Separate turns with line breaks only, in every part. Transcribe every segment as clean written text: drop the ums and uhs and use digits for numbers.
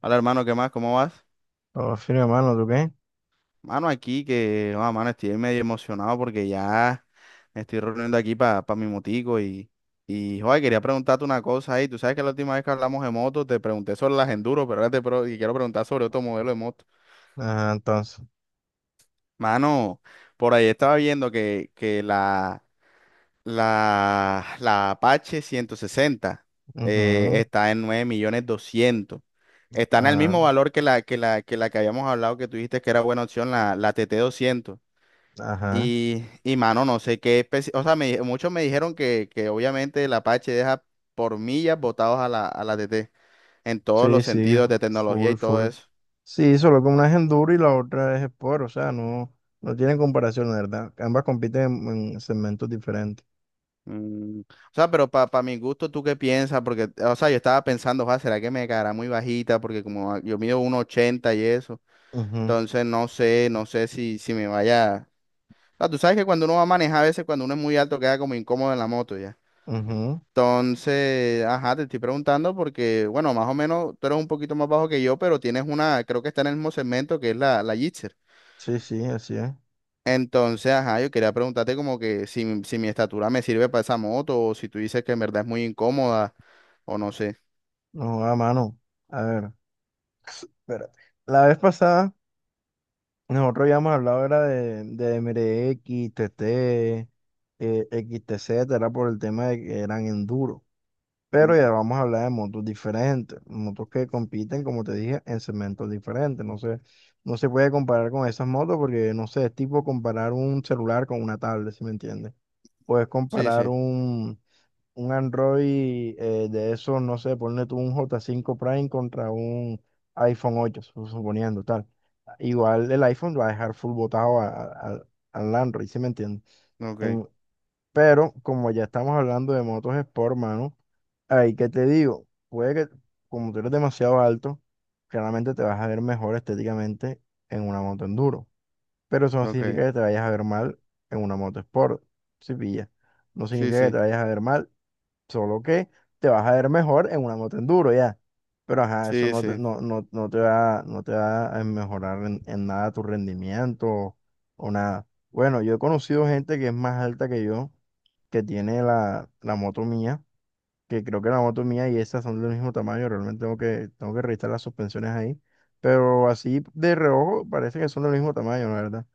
Hola hermano, ¿qué más? ¿Cómo vas?
Todo firme, mano, ¿tú qué?
Mano, aquí que, mano, estoy medio emocionado porque ya me estoy reuniendo aquí para mi motico y joder, quería preguntarte una cosa ahí. Tú sabes que la última vez que hablamos de motos te pregunté sobre las enduro, pero ahora y quiero preguntar sobre otro modelo de moto.
Ajá, entonces.
Mano, por ahí estaba viendo que la Apache 160
Ujú.
está en 9.200.000. Está en el
Ah,
mismo valor que la que habíamos hablado que tú dijiste que era buena opción, la TT 200.
ajá.
Y mano, no sé qué especie, o sea, muchos me dijeron que obviamente el Apache deja por millas botados a a la TT en todos
Sí,
los
sí,
sentidos de tecnología
full,
y todo
full.
eso.
Sí, solo que una es enduro y la otra es sport, o sea, no, no tienen comparación, la verdad. Ambas compiten en segmentos diferentes.
O sea, pero para mi gusto, ¿tú qué piensas? Porque, o sea, yo estaba pensando, "Joa, ¿será que me caerá muy bajita?". Porque yo mido 1,80 y eso. Entonces, no sé si me vaya... O sea, tú sabes que cuando uno va a manejar, a veces cuando uno es muy alto queda como incómodo en la moto ya.
Ujú, ujú.
Entonces, ajá, te estoy preguntando porque, bueno, más o menos tú eres un poquito más bajo que yo, pero tienes una, creo que está en el mismo segmento que es la Gixxer.
Sí, sí, así es.
Entonces, ajá, yo quería preguntarte como que si mi estatura me sirve para esa moto o si tú dices que en verdad es muy incómoda o no sé.
No, a mano. A ver, espérate. La vez pasada, nosotros ya hemos hablado, era de MRX, TT, XTZ, era por el tema de que eran enduro. Pero
Mm,
ya vamos a hablar de motos diferentes, motos que compiten, como te dije, en segmentos diferentes. No sé, no se puede comparar con esas motos porque, no sé, es tipo comparar un celular con una tablet, ¿si me entiendes? Puedes
Sí,
comparar
sí,
un Android, de esos, no sé, ponle tú un J5 Prime contra un iPhone 8 suponiendo tal. Igual el iPhone va a dejar full botado al Android, ¿si me entiendes?
ok,
En- pero como ya estamos hablando de motos Sport, mano. Ahí que te digo, puede que como tú eres demasiado alto, claramente te vas a ver mejor estéticamente en una moto enduro. Pero eso no
ok,
significa que te vayas a ver mal en una moto sport, si pillas. No
sí,
significa que
sí,
te vayas a ver mal, solo que te vas a ver mejor en una moto enduro, ya. Pero ajá, eso
sí,
no te,
sí,
no, no, no te va, no te va a mejorar en nada tu rendimiento o nada. Bueno, yo he conocido gente que es más alta que yo, que tiene la moto mía, que creo que la moto mía y esa son del mismo tamaño, realmente tengo que revisar las suspensiones ahí, pero así de reojo parece que son del mismo tamaño, la verdad.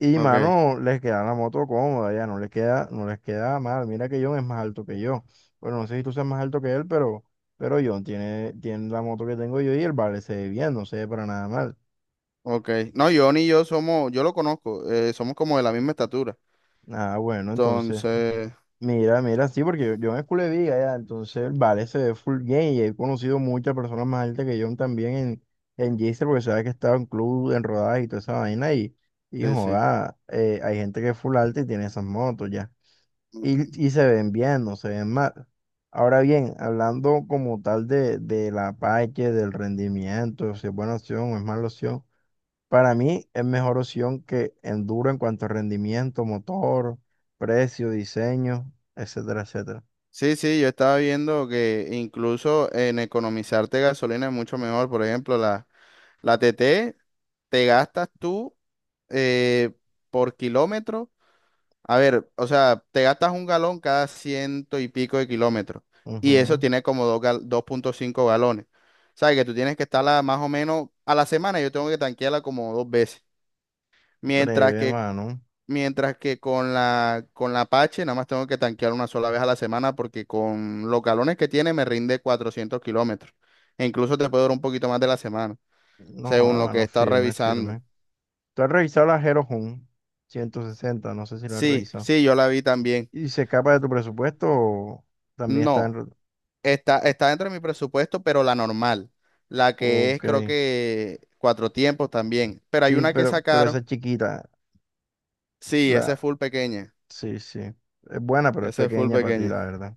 Y
ok,
mano, les queda la moto cómoda, ya no les queda mal. Mira que John es más alto que yo. Bueno, no sé si tú seas más alto que él, pero John tiene la moto que tengo yo y el vale se ve bien, no se ve para nada mal.
ok. No, yo ni yo somos, yo lo conozco, somos como de la misma estatura.
Ah, bueno, entonces.
Entonces,
Mira, mira, sí, porque yo me esculé de viga ya, entonces vale, se ve full gay y he conocido muchas personas más altas que yo también en Gisteren, porque sabes que estaba en club, en rodadas y toda esa vaina y
sí, sí.
joda, hay gente que es full alta y tiene esas motos ya, y se ven bien, no se ven mal. Ahora bien, hablando como tal de la Apache, del rendimiento, si es buena opción o es mala opción. Para mí es mejor opción que Enduro en cuanto a rendimiento, motor, precio, diseño, etcétera, etcétera.
Sí, sí, yo estaba viendo que incluso en economizarte gasolina es mucho mejor. Por ejemplo, la TT te gastas tú eh, por kilómetro. A ver, o sea, te gastas un galón cada ciento y pico de kilómetros. Y eso
Ujú.
tiene como 2,5 galones. O sea, que tú tienes que estarla más o menos a la semana. Yo tengo que tanquearla como dos veces. Mientras
Breve,
que
mano.
Mientras que con con la Apache nada más tengo que tanquear una sola vez a la semana porque con los galones que tiene me rinde 400 kilómetros. E incluso te puede durar un poquito más de la semana,
No, joda,
según lo que he
mano,
estado
firme,
revisando.
firme. ¿Tú has revisado la Hero Jun 160? No sé si lo has
Sí,
revisado.
sí, yo la vi también.
¿Y se escapa de tu presupuesto o también está en...
No,
re-
está dentro de mi presupuesto, pero la normal. La que es
Ok.
creo que cuatro tiempos también. Pero hay
Sí,
una que
pero esa
sacaron.
es chiquita,
Sí, esa
la.
es full pequeña.
Sí, sí. Es buena, pero es
Esa es full
pequeña para ti,
pequeña.
la verdad.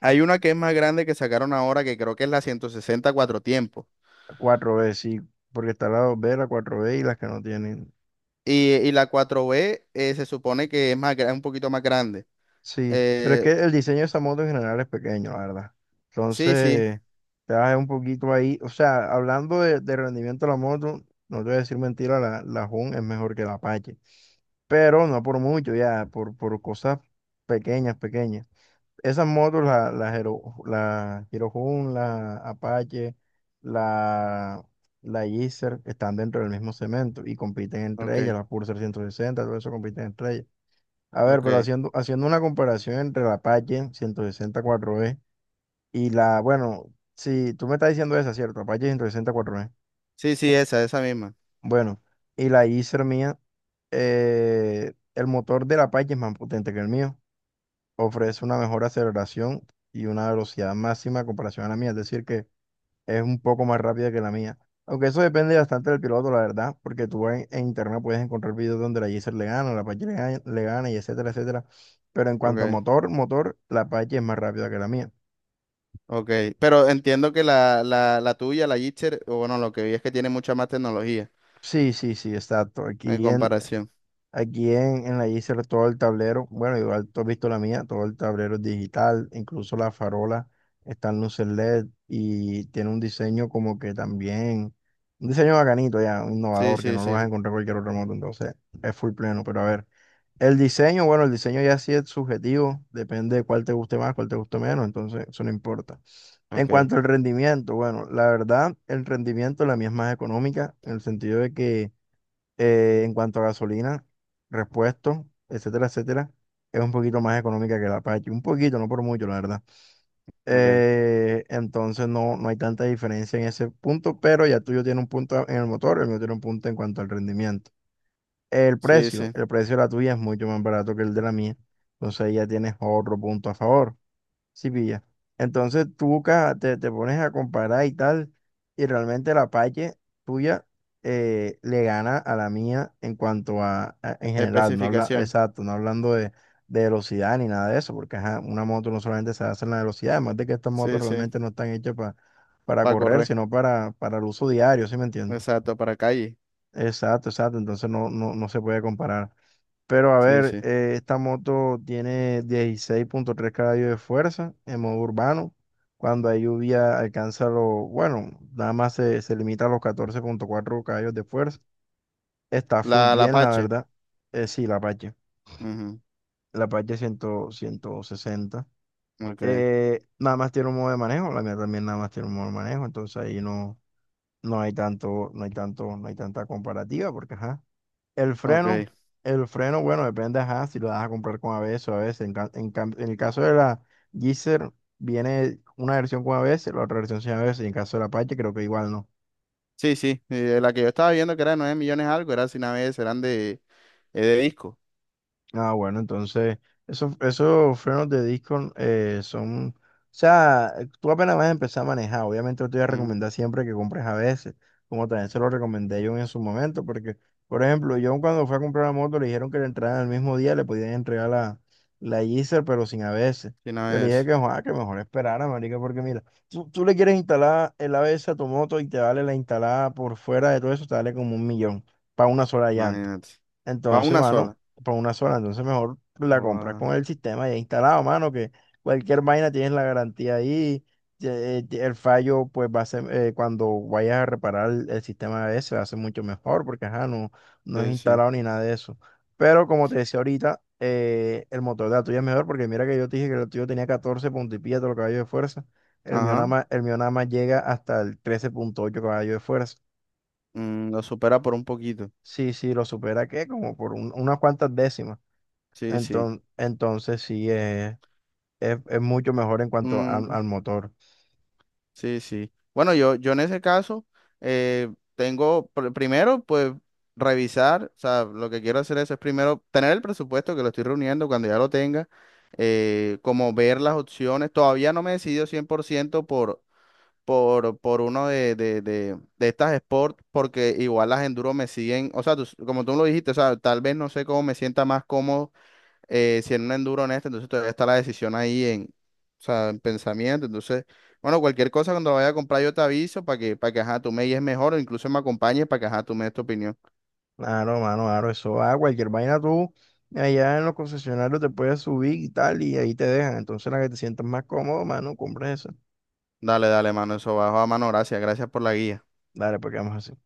Hay una que es más grande que sacaron ahora que creo que es la 160 cuatro tiempos.
La 4B, sí, porque está la 2B, la 4B y las que no tienen.
Y la cuatro b se supone que es un poquito más grande.
Sí, pero es
Eh,
que el diseño de esa moto en general es pequeño, la verdad.
sí, sí,
Entonces, te vas un poquito ahí. O sea, hablando de rendimiento de la moto, no te voy a decir mentira, la Hun es mejor que la Apache. Pero no por mucho, ya, por cosas pequeñas, pequeñas. Esas motos, Hero, la Hero Hun, la Apache, la, la Gixxer, están dentro del mismo cemento y compiten entre ellas.
ok,
La Pulsar 160, todo eso compiten entre ellas. A ver, pero
ok.
haciendo una comparación entre la Apache 160 4E y la, bueno, si tú me estás diciendo esa, ¿cierto? Apache 160 4E.
Sí, sí, esa misma.
Bueno, y la Acer mía, el motor de la Apache es más potente que el mío. Ofrece una mejor aceleración y una velocidad máxima en comparación a la mía. Es decir, que es un poco más rápida que la mía. Aunque eso depende bastante del piloto, la verdad, porque tú en internet puedes encontrar videos donde la Geyser le gana, la Apache le gana y etcétera, etcétera. Pero en cuanto a
Ok,
motor, motor, la Apache es más rápida que la mía.
ok. Pero entiendo que la tuya, la Gitcher, o bueno, lo que vi es que tiene mucha más tecnología
Sí, sí, sí, exacto.
en comparación.
Aquí en la Yser todo el tablero, bueno, igual tú has visto la mía, todo el tablero es digital, incluso la farola está en luces LED y tiene un diseño como que también, un diseño bacanito ya, un
Sí,
innovador, que
sí,
no lo vas a
sí.
encontrar en cualquier otro moto, entonces es full pleno, pero a ver, el diseño, bueno, el diseño ya sí es subjetivo, depende de cuál te guste más, cuál te guste menos, entonces eso no importa. En
Ok,
cuanto al rendimiento, bueno, la verdad, el rendimiento la mía es más económica, en el sentido de que, en cuanto a gasolina, repuestos, etcétera, etcétera, es un poquito más económica que la Apache. Un poquito, no por mucho, la verdad.
ok.
Entonces no, no hay tanta diferencia en ese punto, pero ya el tuyo tiene un punto en el motor, el mío tiene un punto en cuanto al rendimiento. El
Sí,
precio,
sí.
el precio de la tuya es mucho más barato que el de la mía, entonces ahí ya tienes otro punto a favor. Sí, pilla. Entonces tú buscas, te pones a comparar y tal, y realmente la Apache tuya, le gana a la mía en cuanto a, en general, no habla,
Especificación.
exacto, no hablando de velocidad ni nada de eso, porque ajá, una moto no solamente se hace en la velocidad, además de que estas motos
Sí, sí.
realmente no están hechas para
Para
correr,
correr.
sino para el uso diario, ¿sí me entiendes?
Exacto, para calle.
Exacto, exacto, entonces no, no, no se puede comparar. Pero a
Sí,
ver,
sí.
esta moto tiene 16.3 caballos de fuerza en modo urbano. Cuando hay lluvia alcanza bueno, nada más se limita a los 14.4 caballos de fuerza. Está full
La
bien, la
Apache.
verdad. Sí, la Apache.
Ujú,
La Apache 160.
ok,
Nada más tiene un modo de manejo. La mía también nada más tiene un modo de manejo. Entonces ahí no, no hay tanta comparativa porque, ajá. El
ok.
freno, el freno, bueno, depende, ajá, si lo vas a comprar con ABS o a ABS. En, ca- en cam- en el caso de la Gixxer, viene una versión con ABS, la otra versión sin ABS. Y en caso de la Apache, creo que igual no.
Sí, sí, la que yo estaba viendo que era de 9.000.000 algo, era sin ABS, eran de disco.
Ah, bueno, entonces, esos frenos de disco, o sea, tú apenas vas a empezar a manejar, obviamente yo te voy a
Ujú,
recomendar siempre que compres a veces, como también se lo recomendé yo en su momento, porque, por ejemplo, yo cuando fui a comprar la moto le dijeron que le entraran el mismo día, le podían entregar la Yeezer, pero sin a veces.
sin
Yo le dije
ABS,
que: "Joa, que mejor esperara, marica, porque mira, tú le quieres instalar el ABS a tu moto y te vale la instalada por fuera de todo eso, te vale como un millón para una sola llanta".
imagínate. Para
Entonces,
una
mano,
sola.
por una sola, entonces mejor la compras
Joda,
con el sistema ya instalado, mano, que cualquier vaina tienes la garantía ahí. El fallo, pues va a ser, cuando vayas a reparar el sistema ese, va a ser mucho mejor porque ajá, no, no es
sí, sí.
instalado ni nada de eso. Pero como te decía ahorita, el motor de la tuya es mejor porque mira que yo te dije que el tuyo tenía 14 punto y pilla de los caballos de fuerza. El mío
Ajá.
nada más, el mío nada más llega hasta el 13.8 caballos de fuerza.
Lo supera por un poquito.
Sí, sí, lo supera que como por unas cuantas décimas.
Sí, sí.
Entonces sí, es mucho mejor en cuanto al,
Mm,
al motor.
sí, sí. Bueno, yo en ese caso tengo, primero, pues revisar, o sea, lo que quiero hacer eso es primero tener el presupuesto que lo estoy reuniendo cuando ya lo tenga, como ver las opciones. Todavía no me he decidido 100% por uno de estas sports, porque igual las enduro me siguen, o sea, como tú lo dijiste, o sea, tal vez no sé cómo me sienta más cómodo si en un enduro en este, entonces todavía está la decisión ahí en, o sea, en pensamiento, entonces, bueno, cualquier cosa cuando vaya a comprar yo te aviso para que, ajá, tú me guíes mejor o incluso me acompañes para que, ajá, tú me des tu opinión.
Claro, mano, claro, eso cualquier vaina tú allá en los concesionarios te puedes subir y tal, y ahí te dejan. Entonces la que te sientas más cómodo, mano, compras eso.
Dale, dale, mano, eso bajo a mano, gracias, gracias por la guía.
Dale, pues quedamos así.